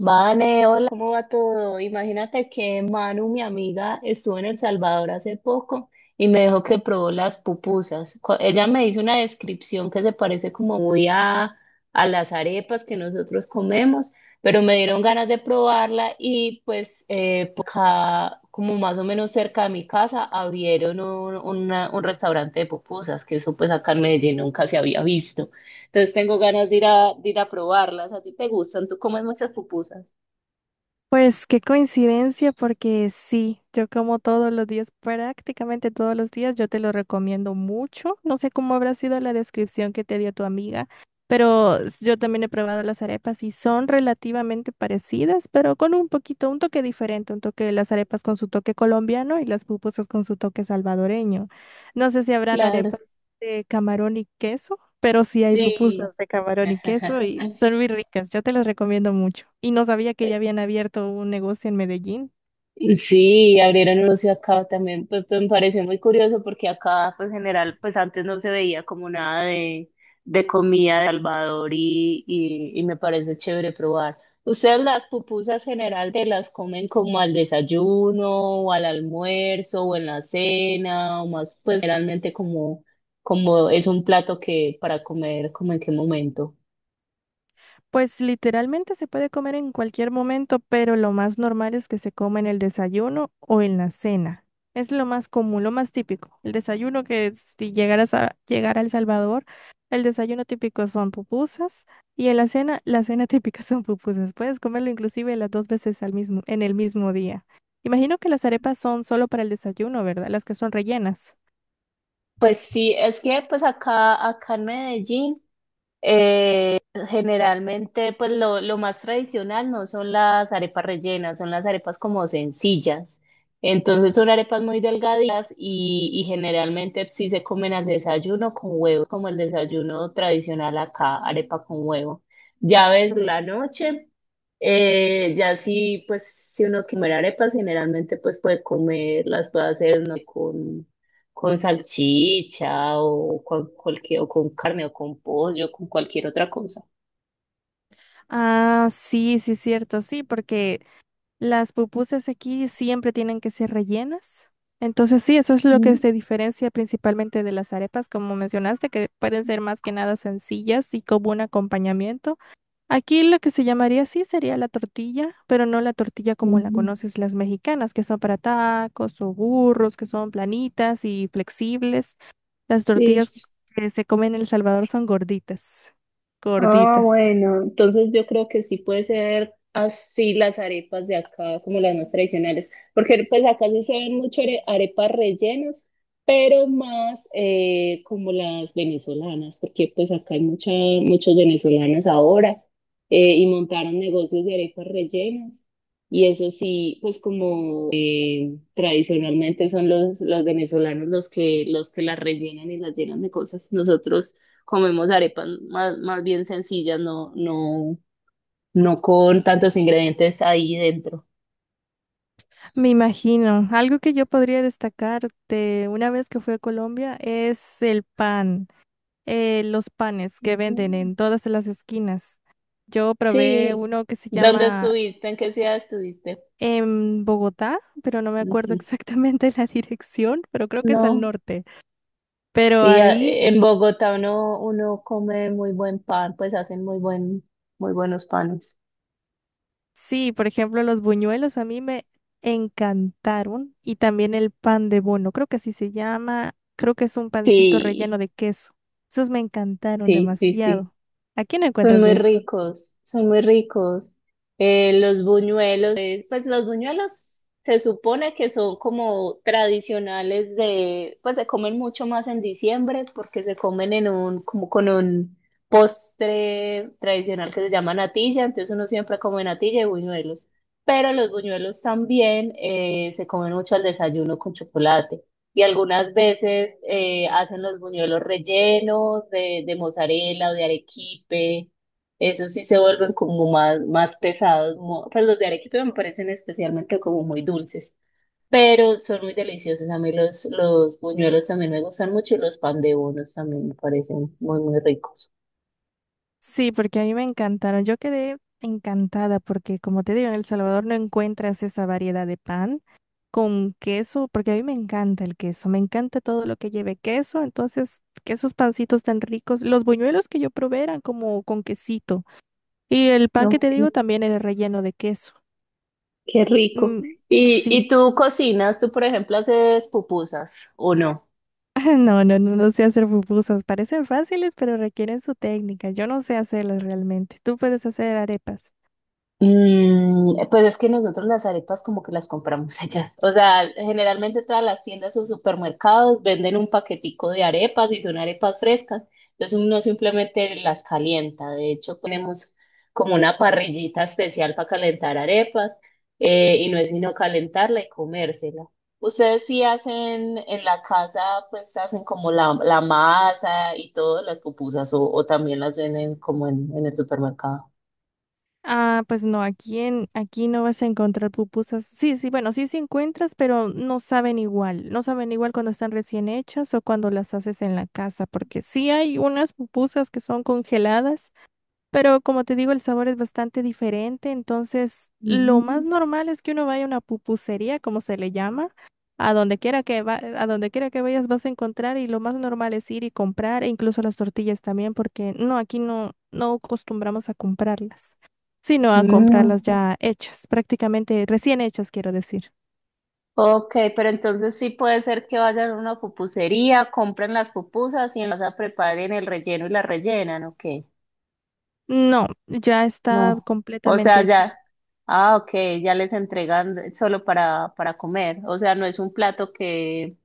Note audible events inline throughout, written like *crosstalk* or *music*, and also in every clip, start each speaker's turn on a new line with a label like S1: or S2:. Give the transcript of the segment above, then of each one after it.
S1: Vane, hola, ¿cómo va todo? Imagínate que Manu, mi amiga, estuvo en El Salvador hace poco y me dijo que probó las pupusas. Ella me hizo una descripción que se parece como muy a las arepas que nosotros comemos, pero me dieron ganas de probarla y pues por acá, como más o menos cerca de mi casa, abrieron un restaurante de pupusas, que eso pues acá en Medellín nunca se había visto. Entonces tengo ganas de ir de ir a probarlas. ¿A ti te gustan? ¿Tú comes muchas pupusas?
S2: Pues qué coincidencia, porque sí, yo como todos los días, prácticamente todos los días, yo te lo recomiendo mucho. No sé cómo habrá sido la descripción que te dio tu amiga, pero yo también he probado las arepas y son relativamente parecidas, pero con un poquito, un toque diferente, un toque de las arepas con su toque colombiano y las pupusas con su toque salvadoreño. No sé si habrán
S1: Claro.
S2: arepas de camarón y queso. Pero sí hay
S1: Sí.
S2: pupusas de camarón y queso y
S1: *laughs*
S2: son muy ricas. Yo te las recomiendo mucho. Y no sabía que ya habían abierto un negocio en Medellín.
S1: Sí, abrieron un ocio acá también, pues, me pareció muy curioso porque acá, pues en general, pues antes no se veía como nada de comida de Salvador y me parece chévere probar. ¿Ustedes las pupusas general te las comen como al desayuno o al almuerzo o en la cena o más, pues generalmente como es un plato que para comer, como en qué momento?
S2: Pues literalmente se puede comer en cualquier momento, pero lo más normal es que se coma en el desayuno o en la cena. Es lo más común, lo más típico. El desayuno, que si llegaras a llegar a El Salvador, el desayuno típico son pupusas, y en la cena *laughs* típica son pupusas. Puedes comerlo inclusive las dos veces al mismo, en el mismo día. Imagino que las arepas son solo para el desayuno, ¿verdad? Las que son rellenas.
S1: Pues sí, es que pues acá en Medellín generalmente, pues lo más tradicional no son las arepas rellenas, son las arepas como sencillas. Entonces son arepas muy delgaditas y generalmente sí se comen al desayuno con huevos, como el desayuno tradicional acá, arepa con huevo. Ya ves la noche, ya sí, pues si uno quiere arepas, generalmente pues puede comer, las puede hacer ¿no? Con salchicha o con, cualquier, o con carne o con pollo, con cualquier otra cosa.
S2: Ah, sí, sí, cierto, sí, porque las pupusas aquí siempre tienen que ser rellenas. Entonces sí, eso es lo que
S1: Mm.
S2: se diferencia principalmente de las arepas, como mencionaste, que pueden ser más que nada sencillas y como un acompañamiento. Aquí lo que se llamaría sí sería la tortilla, pero no la tortilla
S1: Mm.
S2: como la
S1: Mm.
S2: conoces, las mexicanas, que son para tacos o burros, que son planitas y flexibles. Las tortillas
S1: Sí.
S2: que se comen en El Salvador son gorditas,
S1: Ah,
S2: gorditas.
S1: bueno, entonces yo creo que sí puede ser así las arepas de acá, como las más tradicionales, porque pues acá sí se ven mucho arepas rellenas, pero más como las venezolanas, porque pues acá hay muchos venezolanos ahora y montaron negocios de arepas rellenas. Y eso sí, pues como tradicionalmente son los venezolanos los que las rellenan y las llenan de cosas. Nosotros comemos arepas más, más bien sencillas, no con tantos ingredientes ahí dentro.
S2: Me imagino. Algo que yo podría destacar de una vez que fui a Colombia es el pan, los panes que venden
S1: Mm.
S2: en todas las esquinas. Yo probé
S1: Sí,
S2: uno que se
S1: ¿dónde
S2: llama
S1: estuviste? ¿En qué ciudad estuviste?
S2: en Bogotá, pero no me acuerdo
S1: Ujú.
S2: exactamente *laughs* la dirección, pero creo que es al
S1: No,
S2: norte. Pero
S1: sí, a-
S2: ahí
S1: en Bogotá uno come muy buen pan, pues hacen muy buen, muy buenos panes.
S2: Sí, por ejemplo, los buñuelos a mí me encantaron y también el pan de bono, creo que así se llama, creo que es un pancito relleno
S1: Sí,
S2: de queso. Esos me encantaron
S1: sí, sí, sí.
S2: demasiado. ¿A quién
S1: Son
S2: encuentras
S1: muy
S2: de eso?
S1: ricos, son muy ricos. Los buñuelos, pues los buñuelos se supone que son como tradicionales de, pues se comen mucho más en diciembre porque se comen en un, como con un postre tradicional que se llama natilla, entonces uno siempre come natilla y buñuelos. Pero los buñuelos también se comen mucho al desayuno con chocolate. Y algunas veces hacen los buñuelos rellenos de mozzarella o de arequipe. Esos sí se vuelven como más, más pesados. Pues los de arequipe me parecen especialmente como muy dulces, pero son muy deliciosos. A mí los buñuelos también me gustan mucho y los pan de bonos también me parecen muy, muy ricos.
S2: Sí, porque a mí me encantaron. Yo quedé encantada porque, como te digo, en El Salvador no encuentras esa variedad de pan con queso, porque a mí me encanta el queso, me encanta todo lo que lleve queso, entonces que esos pancitos tan ricos, los buñuelos que yo probé eran como con quesito. Y el pan que te
S1: Ok,
S2: digo también era relleno de queso.
S1: qué rico.
S2: Mm,
S1: Y
S2: sí.
S1: tú cocinas? ¿Tú, por ejemplo, haces pupusas o no?
S2: *laughs* No, no, no, no sé hacer pupusas. Parecen fáciles, pero requieren su técnica. Yo no sé hacerlas realmente. Tú puedes hacer arepas.
S1: Mm, pues es que nosotros las arepas como que las compramos *laughs* hechas. O sea, generalmente todas las tiendas o supermercados venden un paquetico de arepas y son arepas frescas. Entonces uno simplemente las calienta. De hecho, ponemos como una parrillita especial para calentar arepas y no es sino calentarla y comérsela. Ustedes sí hacen en la casa, pues hacen como la masa y todo, las pupusas o también las venden como en el supermercado.
S2: Ah, pues no, aquí en, aquí no vas a encontrar pupusas. Sí, sí, bueno, sí, sí encuentras, pero no saben igual. No saben igual cuando están recién hechas o cuando las haces en la casa, porque sí hay unas pupusas que son congeladas. Pero como te digo, el sabor es bastante diferente, entonces lo más normal es que uno vaya a una pupusería, como se le llama, a donde quiera que va, a donde quiera que vayas vas a encontrar, y lo más normal es ir y comprar, e incluso las tortillas también, porque no, aquí no, no acostumbramos a comprarlas, sino a
S1: Mm,
S2: comprarlas ya hechas, prácticamente recién hechas, quiero decir.
S1: ok, pero entonces sí puede ser que vayan a una pupusería, compren las pupusas y en casa preparen el relleno y la rellenan, ok.
S2: No, ya está
S1: No. O
S2: completamente
S1: sea,
S2: hecha.
S1: ya, ah, ok, ya les entregan solo para comer. O sea, no es un plato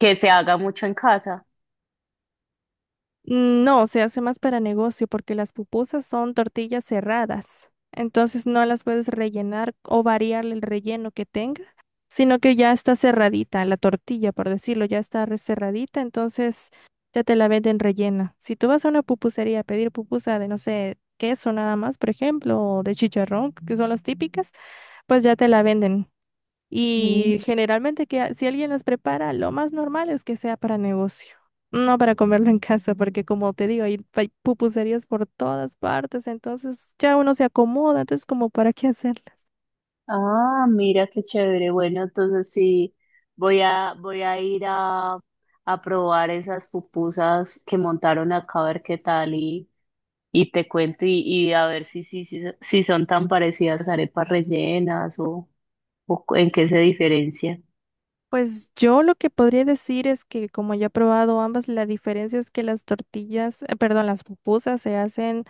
S1: que se haga mucho en casa.
S2: Mm, No, se hace más para negocio porque las pupusas son tortillas cerradas. Entonces no las puedes rellenar o variarle el relleno que tenga, sino que ya está cerradita la tortilla, por decirlo, ya está cerradita, entonces ya te la venden rellena. Si tú vas a una pupusería a pedir pupusa de, no sé, queso nada más, por ejemplo, o de chicharrón, que son las típicas, pues ya te la venden.
S1: Mm.
S2: Y generalmente que si alguien las prepara, lo más normal es que sea para negocio, no para comerlo en casa, porque como te digo, hay pupuserías por todas partes, entonces ya uno se acomoda, entonces como para qué hacerlas.
S1: Ah, mira qué chévere. Bueno, entonces sí, voy voy a ir a probar esas pupusas que montaron acá a ver qué tal y te cuento y a ver si son tan parecidas las arepas rellenas o en qué se diferencian.
S2: Pues yo lo que podría decir es que como ya he probado ambas, la diferencia es que las tortillas, perdón, las pupusas se hacen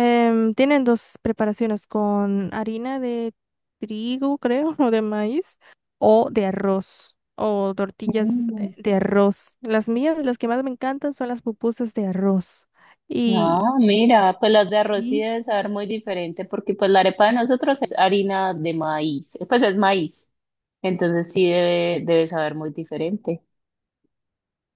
S2: Tienen dos preparaciones con harina de trigo, creo, *laughs* o de maíz, o de arroz, o tortillas
S1: Mm.
S2: de arroz. Las mías, las que más me encantan son las pupusas de arroz. Y
S1: Ah, mira, pues las de arroz sí deben saber muy diferente porque pues la arepa de nosotros es harina de maíz, pues es maíz, entonces sí debe, debe saber muy diferente.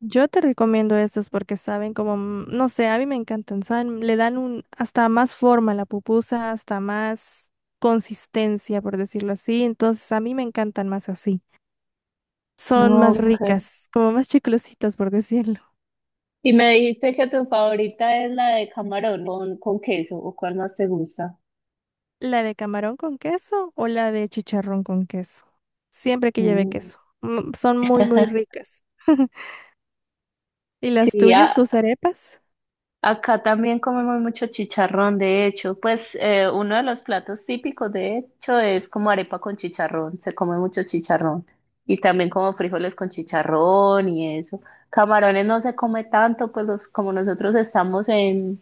S2: yo te recomiendo estas porque saben como, no sé, a mí me encantan, saben, le dan un, hasta más forma a la pupusa, hasta más consistencia, por decirlo así. Entonces, a mí me encantan más así. Son más
S1: Ok.
S2: ricas, como más chiclositas, por decirlo.
S1: Y me dijiste que tu favorita es la de camarón con queso, ¿o cuál más te gusta?
S2: ¿La de camarón con queso o la de chicharrón con queso? Siempre que lleve
S1: Mm.
S2: queso. Son muy, muy
S1: *laughs*
S2: ricas. *laughs* ¿Y las
S1: Sí,
S2: tuyas,
S1: a,
S2: tus arepas?
S1: acá también comemos mucho chicharrón, de hecho, pues uno de los platos típicos, de hecho, es como arepa con chicharrón, se come mucho chicharrón y también como frijoles con chicharrón y eso. Camarones no se come tanto, pues los, como nosotros estamos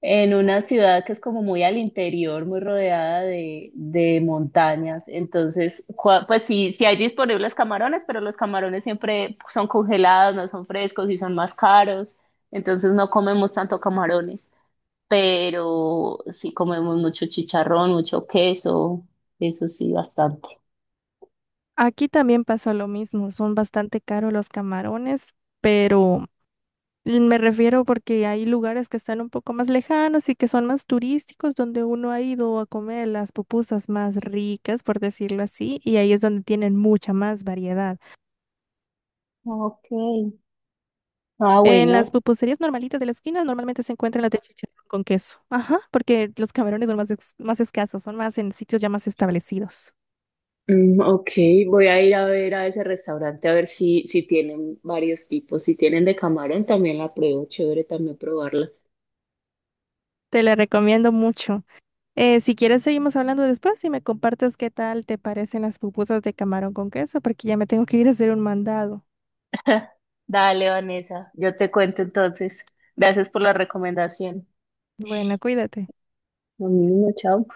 S1: en una ciudad que es como muy al interior, muy rodeada de montañas. Entonces, pues sí, sí hay disponibles camarones, pero los camarones siempre son congelados, no son frescos y son más caros. Entonces no comemos tanto camarones, pero sí comemos mucho chicharrón, mucho queso, eso sí, bastante.
S2: Aquí también pasa lo mismo, son bastante caros los camarones, pero me refiero porque hay lugares que están un poco más lejanos y que son más turísticos, donde uno ha ido a comer las pupusas más ricas, por decirlo así, y ahí es donde tienen mucha más variedad.
S1: Ok. Ah,
S2: En las
S1: bueno,
S2: pupuserías normalitas de la esquina normalmente se encuentran las de chicharrón con queso. Ajá, porque los camarones son más, más escasos, son más en sitios ya más establecidos.
S1: mm, ok, voy a ir a ver a ese restaurante a ver si, si tienen varios tipos. Si tienen de camarón, también la pruebo. Chévere también probarla.
S2: Te la recomiendo mucho. Si quieres, seguimos hablando después y me compartes qué tal te parecen las pupusas de camarón con queso, porque ya me tengo que ir a hacer un mandado.
S1: Dale, Vanessa, yo te cuento entonces. Gracias por la recomendación.
S2: Bueno, cuídate.
S1: Lo mismo, chao.